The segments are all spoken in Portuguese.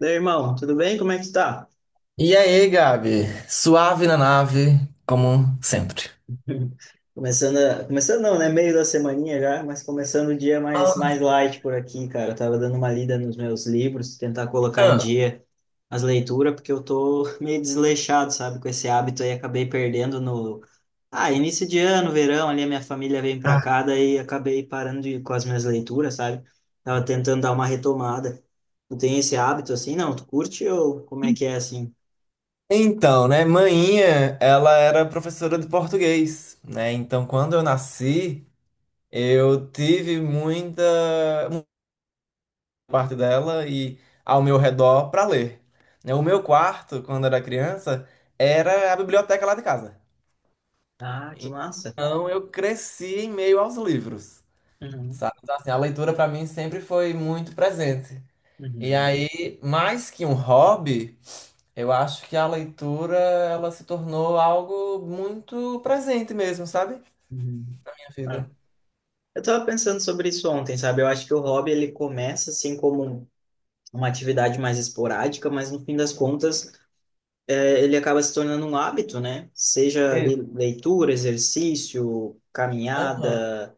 Meu irmão, tudo bem? Como é que tu tá? E aí, Gabi? Suave na nave, como sempre. Começando, começando não, né? Meio da semaninha já, mas começando o dia Ah, mais light por aqui, cara. Eu tava dando uma lida nos meus livros, tentar colocar em dia as leituras, porque eu tô meio desleixado, sabe? Com esse hábito aí, acabei perdendo no... Ah, início de ano, verão, ali a minha família vem pra ah. cá, daí acabei parando com as minhas leituras, sabe? Tava tentando dar uma retomada. Tu tem esse hábito assim? Não, tu curte ou como é que é assim? Então, né, mainha, ela era professora de português, né? Então, quando eu nasci, eu tive muita parte dela e ao meu redor para ler. Né? O meu quarto, quando era criança, era a biblioteca lá de casa. Ah, que massa! Então, eu cresci em meio aos livros, Uhum, sabe? Então, assim, a leitura para mim sempre foi muito presente. E uhum. aí, mais que um hobby, eu acho que a leitura ela se tornou algo muito presente mesmo, sabe? Uhum. Na minha É. vida. Eu tava pensando sobre isso ontem, sabe? Eu acho que o hobby ele começa assim como uma atividade mais esporádica, mas no fim das contas ele acaba se tornando um hábito, né? Seja ali Isso. leitura, exercício, Aham. caminhada,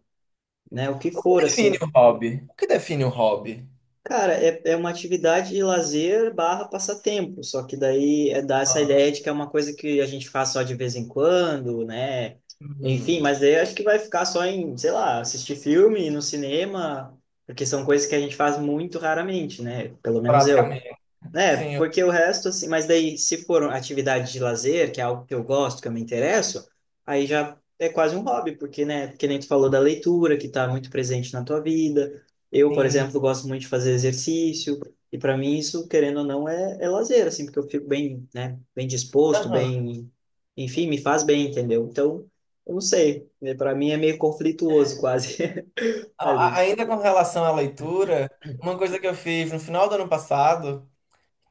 né? O que O que for define assim. um hobby? O que define um hobby? Cara, é uma atividade de lazer barra passatempo, só que daí dá essa Ah, ideia de que é uma coisa que a gente faz só de vez em quando, né? Enfim, hum, mas daí eu acho que vai ficar só em, sei lá, assistir filme no cinema, porque são coisas que a gente faz muito raramente, né? Pelo menos eu. praticamente. É, Sim, porque o resto, assim, mas daí se for atividade de lazer, que é algo que eu gosto, que eu me interesso, aí já é quase um hobby, porque, né, que nem tu falou da leitura, que tá muito presente na tua vida. Eu, por sim. exemplo, gosto muito de fazer exercício, e para mim isso, querendo ou não, é lazer, assim, porque eu fico bem, né, bem disposto, Aham. bem, enfim, me faz bem, entendeu? Então, eu não sei, para mim é meio conflituoso quase ali. Ainda com relação à leitura, uma coisa que eu fiz no final do ano passado,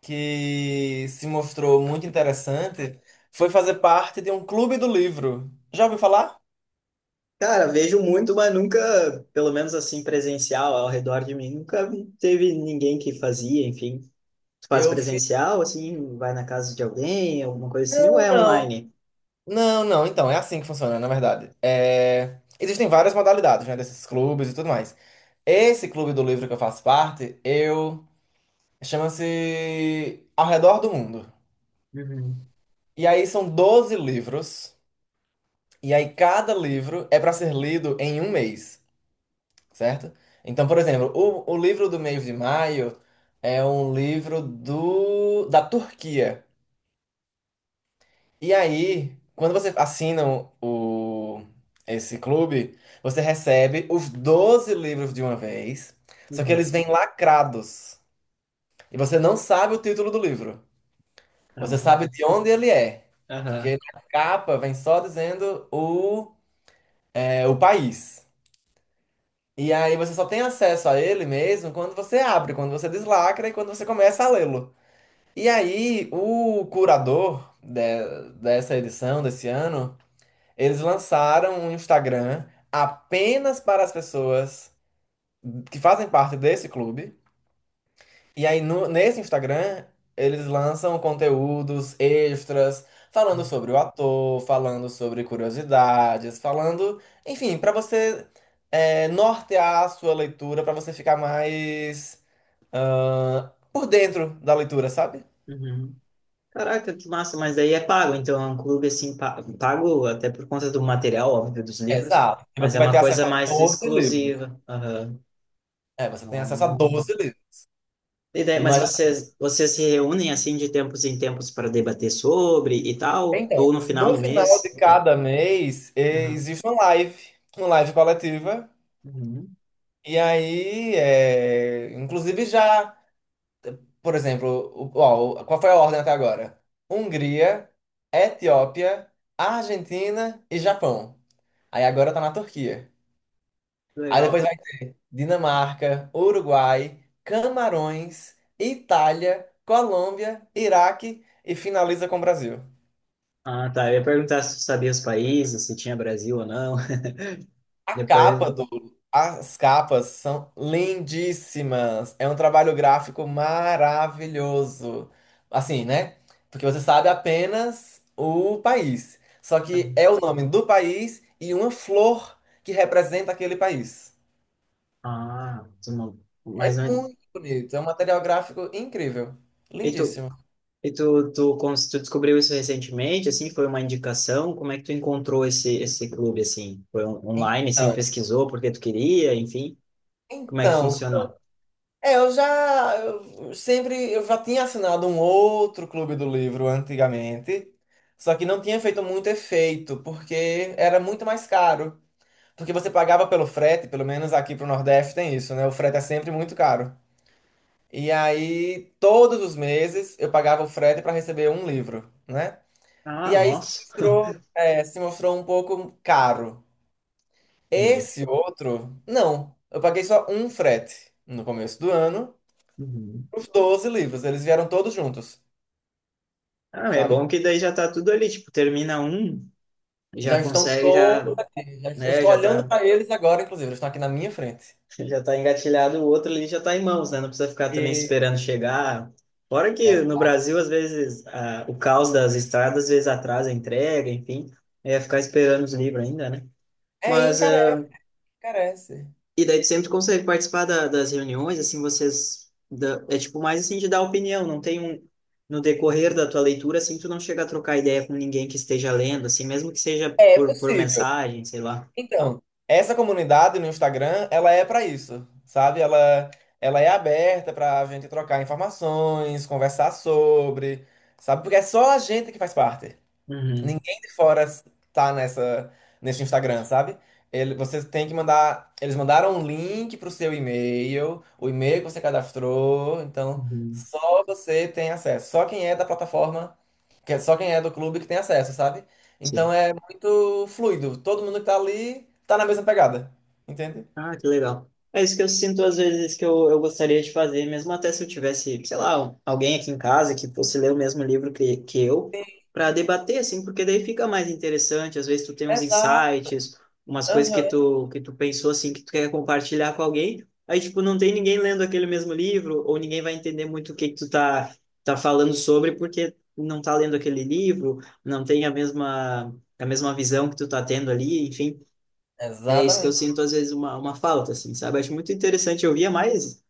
que se mostrou muito interessante, foi fazer parte de um clube do livro. Já ouviu falar? Cara, vejo muito, mas nunca, pelo menos assim, presencial ao redor de mim, nunca teve ninguém que fazia, enfim. Tu faz Eu fiz. presencial, assim, vai na casa de alguém, alguma coisa assim, ou Não, é não. online? Não, não, então, é assim que funciona, na verdade. É, existem várias modalidades, né, desses clubes e tudo mais. Esse clube do livro que eu faço parte, chama-se Ao Redor do Mundo. Uhum, E aí são 12 livros, e aí cada livro é para ser lido em um mês, certo? Então, por exemplo, o livro do mês de maio é um livro do... da Turquia. E aí, quando você assina o, esse clube, você recebe os 12 livros de uma vez, só que uhum. eles vêm lacrados. E você não sabe o título do livro. Ah, Você sabe de onde ele é. Porque aham. na capa vem só dizendo o país. E aí você só tem acesso a ele mesmo quando você abre, quando você deslacra e quando você começa a lê-lo. E aí, o curador dessa edição, desse ano. Eles lançaram um Instagram apenas para as pessoas que fazem parte desse clube. E aí, nesse Instagram, eles lançam conteúdos extras, falando sobre o ator, falando sobre curiosidades, falando, enfim, para você nortear a sua leitura, para você ficar mais por dentro da leitura, sabe? Uhum. Caraca, que massa, mas daí é pago, então é um clube assim, pago até por conta do material, óbvio, dos livros, Exato. E mas você é vai ter uma coisa acesso a mais 12 livros. exclusiva. Aham. É, você tem acesso a 12 livros. E daí, mas Mas vocês se reúnem assim de tempos em tempos para debater sobre e tal? Então, Ou no final no do final de mês? Enfim. cada mês, Aham. existe uma live coletiva. Uhum. E aí, inclusive já, por exemplo, qual foi a ordem até agora? Hungria, Etiópia, Argentina e Japão. Aí agora tá na Turquia. Aí depois Legal. vai Dinamarca, Uruguai, Camarões, Itália, Colômbia, Iraque e finaliza com o Brasil. Ah, tá. Eu ia perguntar se tu sabia os países, se tinha Brasil ou não. A Depois. capa do. As capas são lindíssimas. É um trabalho gráfico maravilhoso. Assim, né? Porque você sabe apenas o país. Só que Uhum. é o nome do país e uma flor que representa aquele país. Ah, tu não. Mas É não. é, muito bonito. É um material gráfico incrível. E Lindíssimo. e tu descobriu isso recentemente? Assim, foi uma indicação? Como é que tu encontrou esse clube assim? Foi online, assim, Então, pesquisou porque tu queria, enfim? Como é que então, funcionou? é, eu já tinha assinado um outro clube do livro antigamente, só que não tinha feito muito efeito, porque era muito mais caro. Porque você pagava pelo frete, pelo menos aqui pro Nordeste tem isso, né? O frete é sempre muito caro. E aí, todos os meses, eu pagava o frete para receber um livro, né? Ah, E aí se nossa. mostrou, é, se mostrou um pouco caro. Entendi. Esse outro, não. Eu paguei só um frete no começo do ano. Os 12 livros, eles vieram todos juntos, Ah, é sabe? bom que daí já tá tudo ali, tipo, termina um, Já já estão consegue, todos. já, Eu né, estou já olhando tá, para eles agora, inclusive, eles estão aqui na minha frente. já tá engatilhado, o outro ali já tá em mãos, né? Não precisa ficar também E, esperando chegar. Fora que no Exato. Brasil, às vezes, o caos das estradas, às vezes atrasa a entrega, enfim, é ficar esperando os livros ainda, né? É, Mas encarece, ah, encarece. E daí tu sempre consegue participar das reuniões, assim, vocês... é tipo mais assim de dar opinião, não tem um... No decorrer da tua leitura, assim, tu não chega a trocar ideia com ninguém que esteja lendo, assim, mesmo que seja É por possível. mensagem, sei lá. Então, essa comunidade no Instagram, ela é para isso, sabe? Ela é aberta para a gente trocar informações, conversar sobre, sabe? Porque é só a gente que faz parte. Uhum, Ninguém de fora tá nesse Instagram, sabe? Ele, você tem que mandar. Eles mandaram um link pro seu e-mail, o e-mail que você cadastrou, então uhum. só você tem acesso. Só quem é da plataforma, só quem é do clube que tem acesso, sabe? Então Sim. é muito fluido. Todo mundo que tá ali tá na mesma pegada. Entende? Ah, que legal. É isso que eu sinto às vezes que eu gostaria de fazer, mesmo até se eu tivesse, sei lá, um- alguém aqui em casa que fosse ler o mesmo livro que eu, para debater, assim, porque daí fica mais interessante. Às vezes tu tem uns Exato. insights, umas coisas que Aham. Que tu pensou, assim, que tu quer compartilhar com alguém. Aí, tipo, não tem ninguém lendo aquele mesmo livro, ou ninguém vai entender muito o que que tu tá, tá falando sobre, porque não tá lendo aquele livro, não tem a mesma visão que tu tá tendo ali, enfim. É isso que eu Exatamente. sinto, às vezes, uma falta, assim, sabe? Acho muito interessante. Eu via mais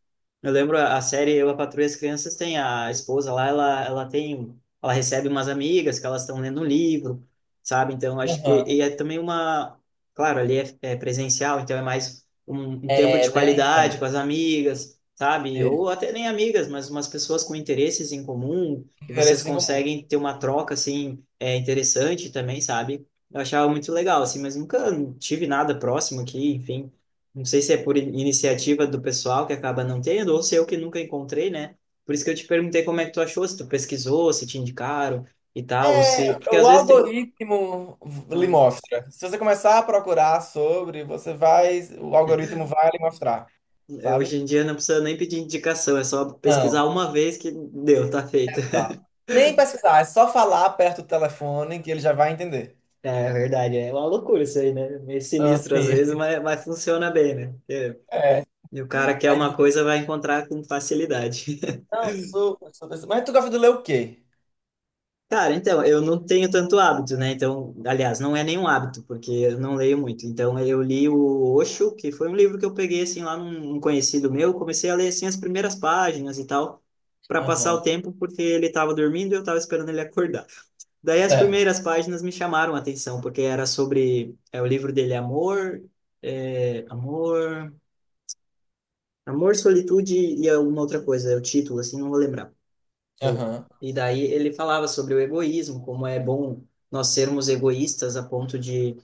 eu lembro a série Eu, a Patroa e as Crianças tem a esposa lá, ela tem, ela recebe umas amigas que elas estão lendo um livro, sabe? Então acho que Aham. É também uma, claro, ali é presencial, então é mais um tempo É, de né? qualidade Então, com as amigas, sabe? é, Ou até nem amigas, mas umas pessoas com interesses em comum que vocês interesses em comum. conseguem ter uma troca assim é interessante também, sabe? Eu achava muito legal assim, mas nunca tive nada próximo aqui, enfim. Não sei se é por iniciativa do pessoal que acaba não tendo, ou se eu que nunca encontrei, né? Por isso que eu te perguntei como é que tu achou, se tu pesquisou, se te indicaram e tal, ou se... É, Porque às o vezes tem... algoritmo lhe Hum, mostra. Se você começar a procurar sobre, você vai, o algoritmo vai lhe mostrar, sabe? hoje em dia não precisa nem pedir indicação, é só pesquisar Não, uma vez que deu, tá feito. exato. Nem pesquisar, é só falar perto do telefone que ele já vai entender. É é verdade, é uma loucura isso aí, né? Meio Ah, sinistro às sim. vezes, mas funciona bem, né? Porque É. E o cara quer uma Mas, coisa, vai encontrar com facilidade. não, super, super, super. Mas tu gosta de ler o quê? Cara, então, eu não tenho tanto hábito, né? Então, aliás, não é nenhum hábito, porque eu não leio muito. Então, eu li o Osho, que foi um livro que eu peguei, assim, lá num conhecido meu. Comecei a ler, assim, as primeiras páginas e tal, para passar Aham, o tempo, porque ele estava dormindo e eu estava esperando ele acordar. Daí, as certo. primeiras páginas me chamaram a atenção, porque era sobre... É o livro dele, é Amor... É, amor... Amor, Solitude e alguma outra coisa. É o título, assim, não vou lembrar. Eu- Aham, E daí ele falava sobre o egoísmo, como é bom nós sermos egoístas a ponto de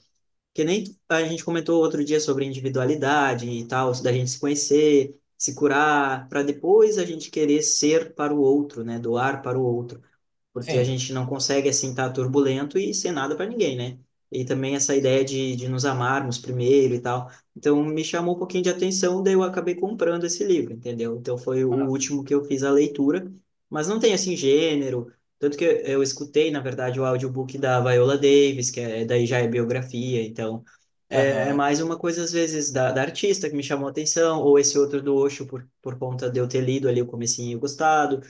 que nem a gente comentou outro dia sobre individualidade e tal, da gente se conhecer, se curar, para depois a gente querer ser para o outro, né? Doar para o outro porque a sim. gente não consegue assim estar turbulento e ser nada para ninguém, né? E também essa ideia de nos amarmos primeiro e tal. Então me chamou um pouquinho de atenção, daí eu acabei comprando esse livro, entendeu? Então foi o Ah, último que eu fiz a leitura, mas não tem assim gênero, tanto que eu escutei, na verdade, o audiobook da Viola Davis, que é, daí já é biografia, então é aham. mais uma coisa às vezes da artista que me chamou a atenção, ou esse outro do Osho por conta de eu ter lido ali o comecinho e gostado.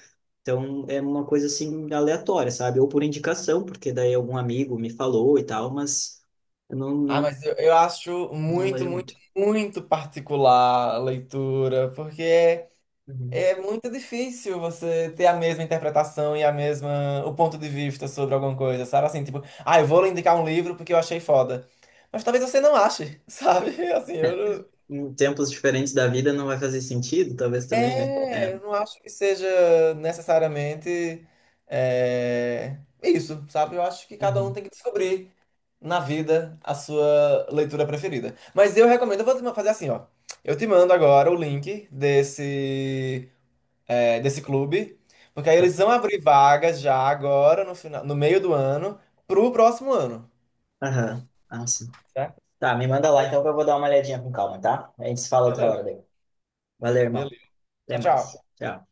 Então é uma coisa assim aleatória, sabe? Ou por indicação, porque daí algum amigo me falou e tal, mas eu Ah, mas eu acho não muito, leio muito, muito. muito particular a leitura, porque é Uhum, É muito difícil você ter a mesma interpretação e a mesma, o ponto de vista sobre alguma coisa, sabe? Assim, tipo, ah, eu vou lhe indicar um livro porque eu achei foda. Mas talvez você não ache, sabe? Assim, eu é. não... Em tempos diferentes da vida não vai fazer sentido, talvez também, né? É, É. eu não acho que seja necessariamente é, isso, sabe? Eu acho que cada um Uhum. tem que descobrir na vida a sua leitura preferida. Mas eu recomendo, eu vou te fazer assim, ó. Eu te mando agora o link desse clube, porque aí eles vão abrir vagas já agora, no final, no meio do ano, pro próximo ano. Aham. Ah, sim. Certo? Tá, me manda lá então que eu vou dar uma olhadinha com calma, tá? A gente se fala outra Beleza, hora daí. Valeu, irmão. beleza. Até Tchau, mais. tchau. Tchau.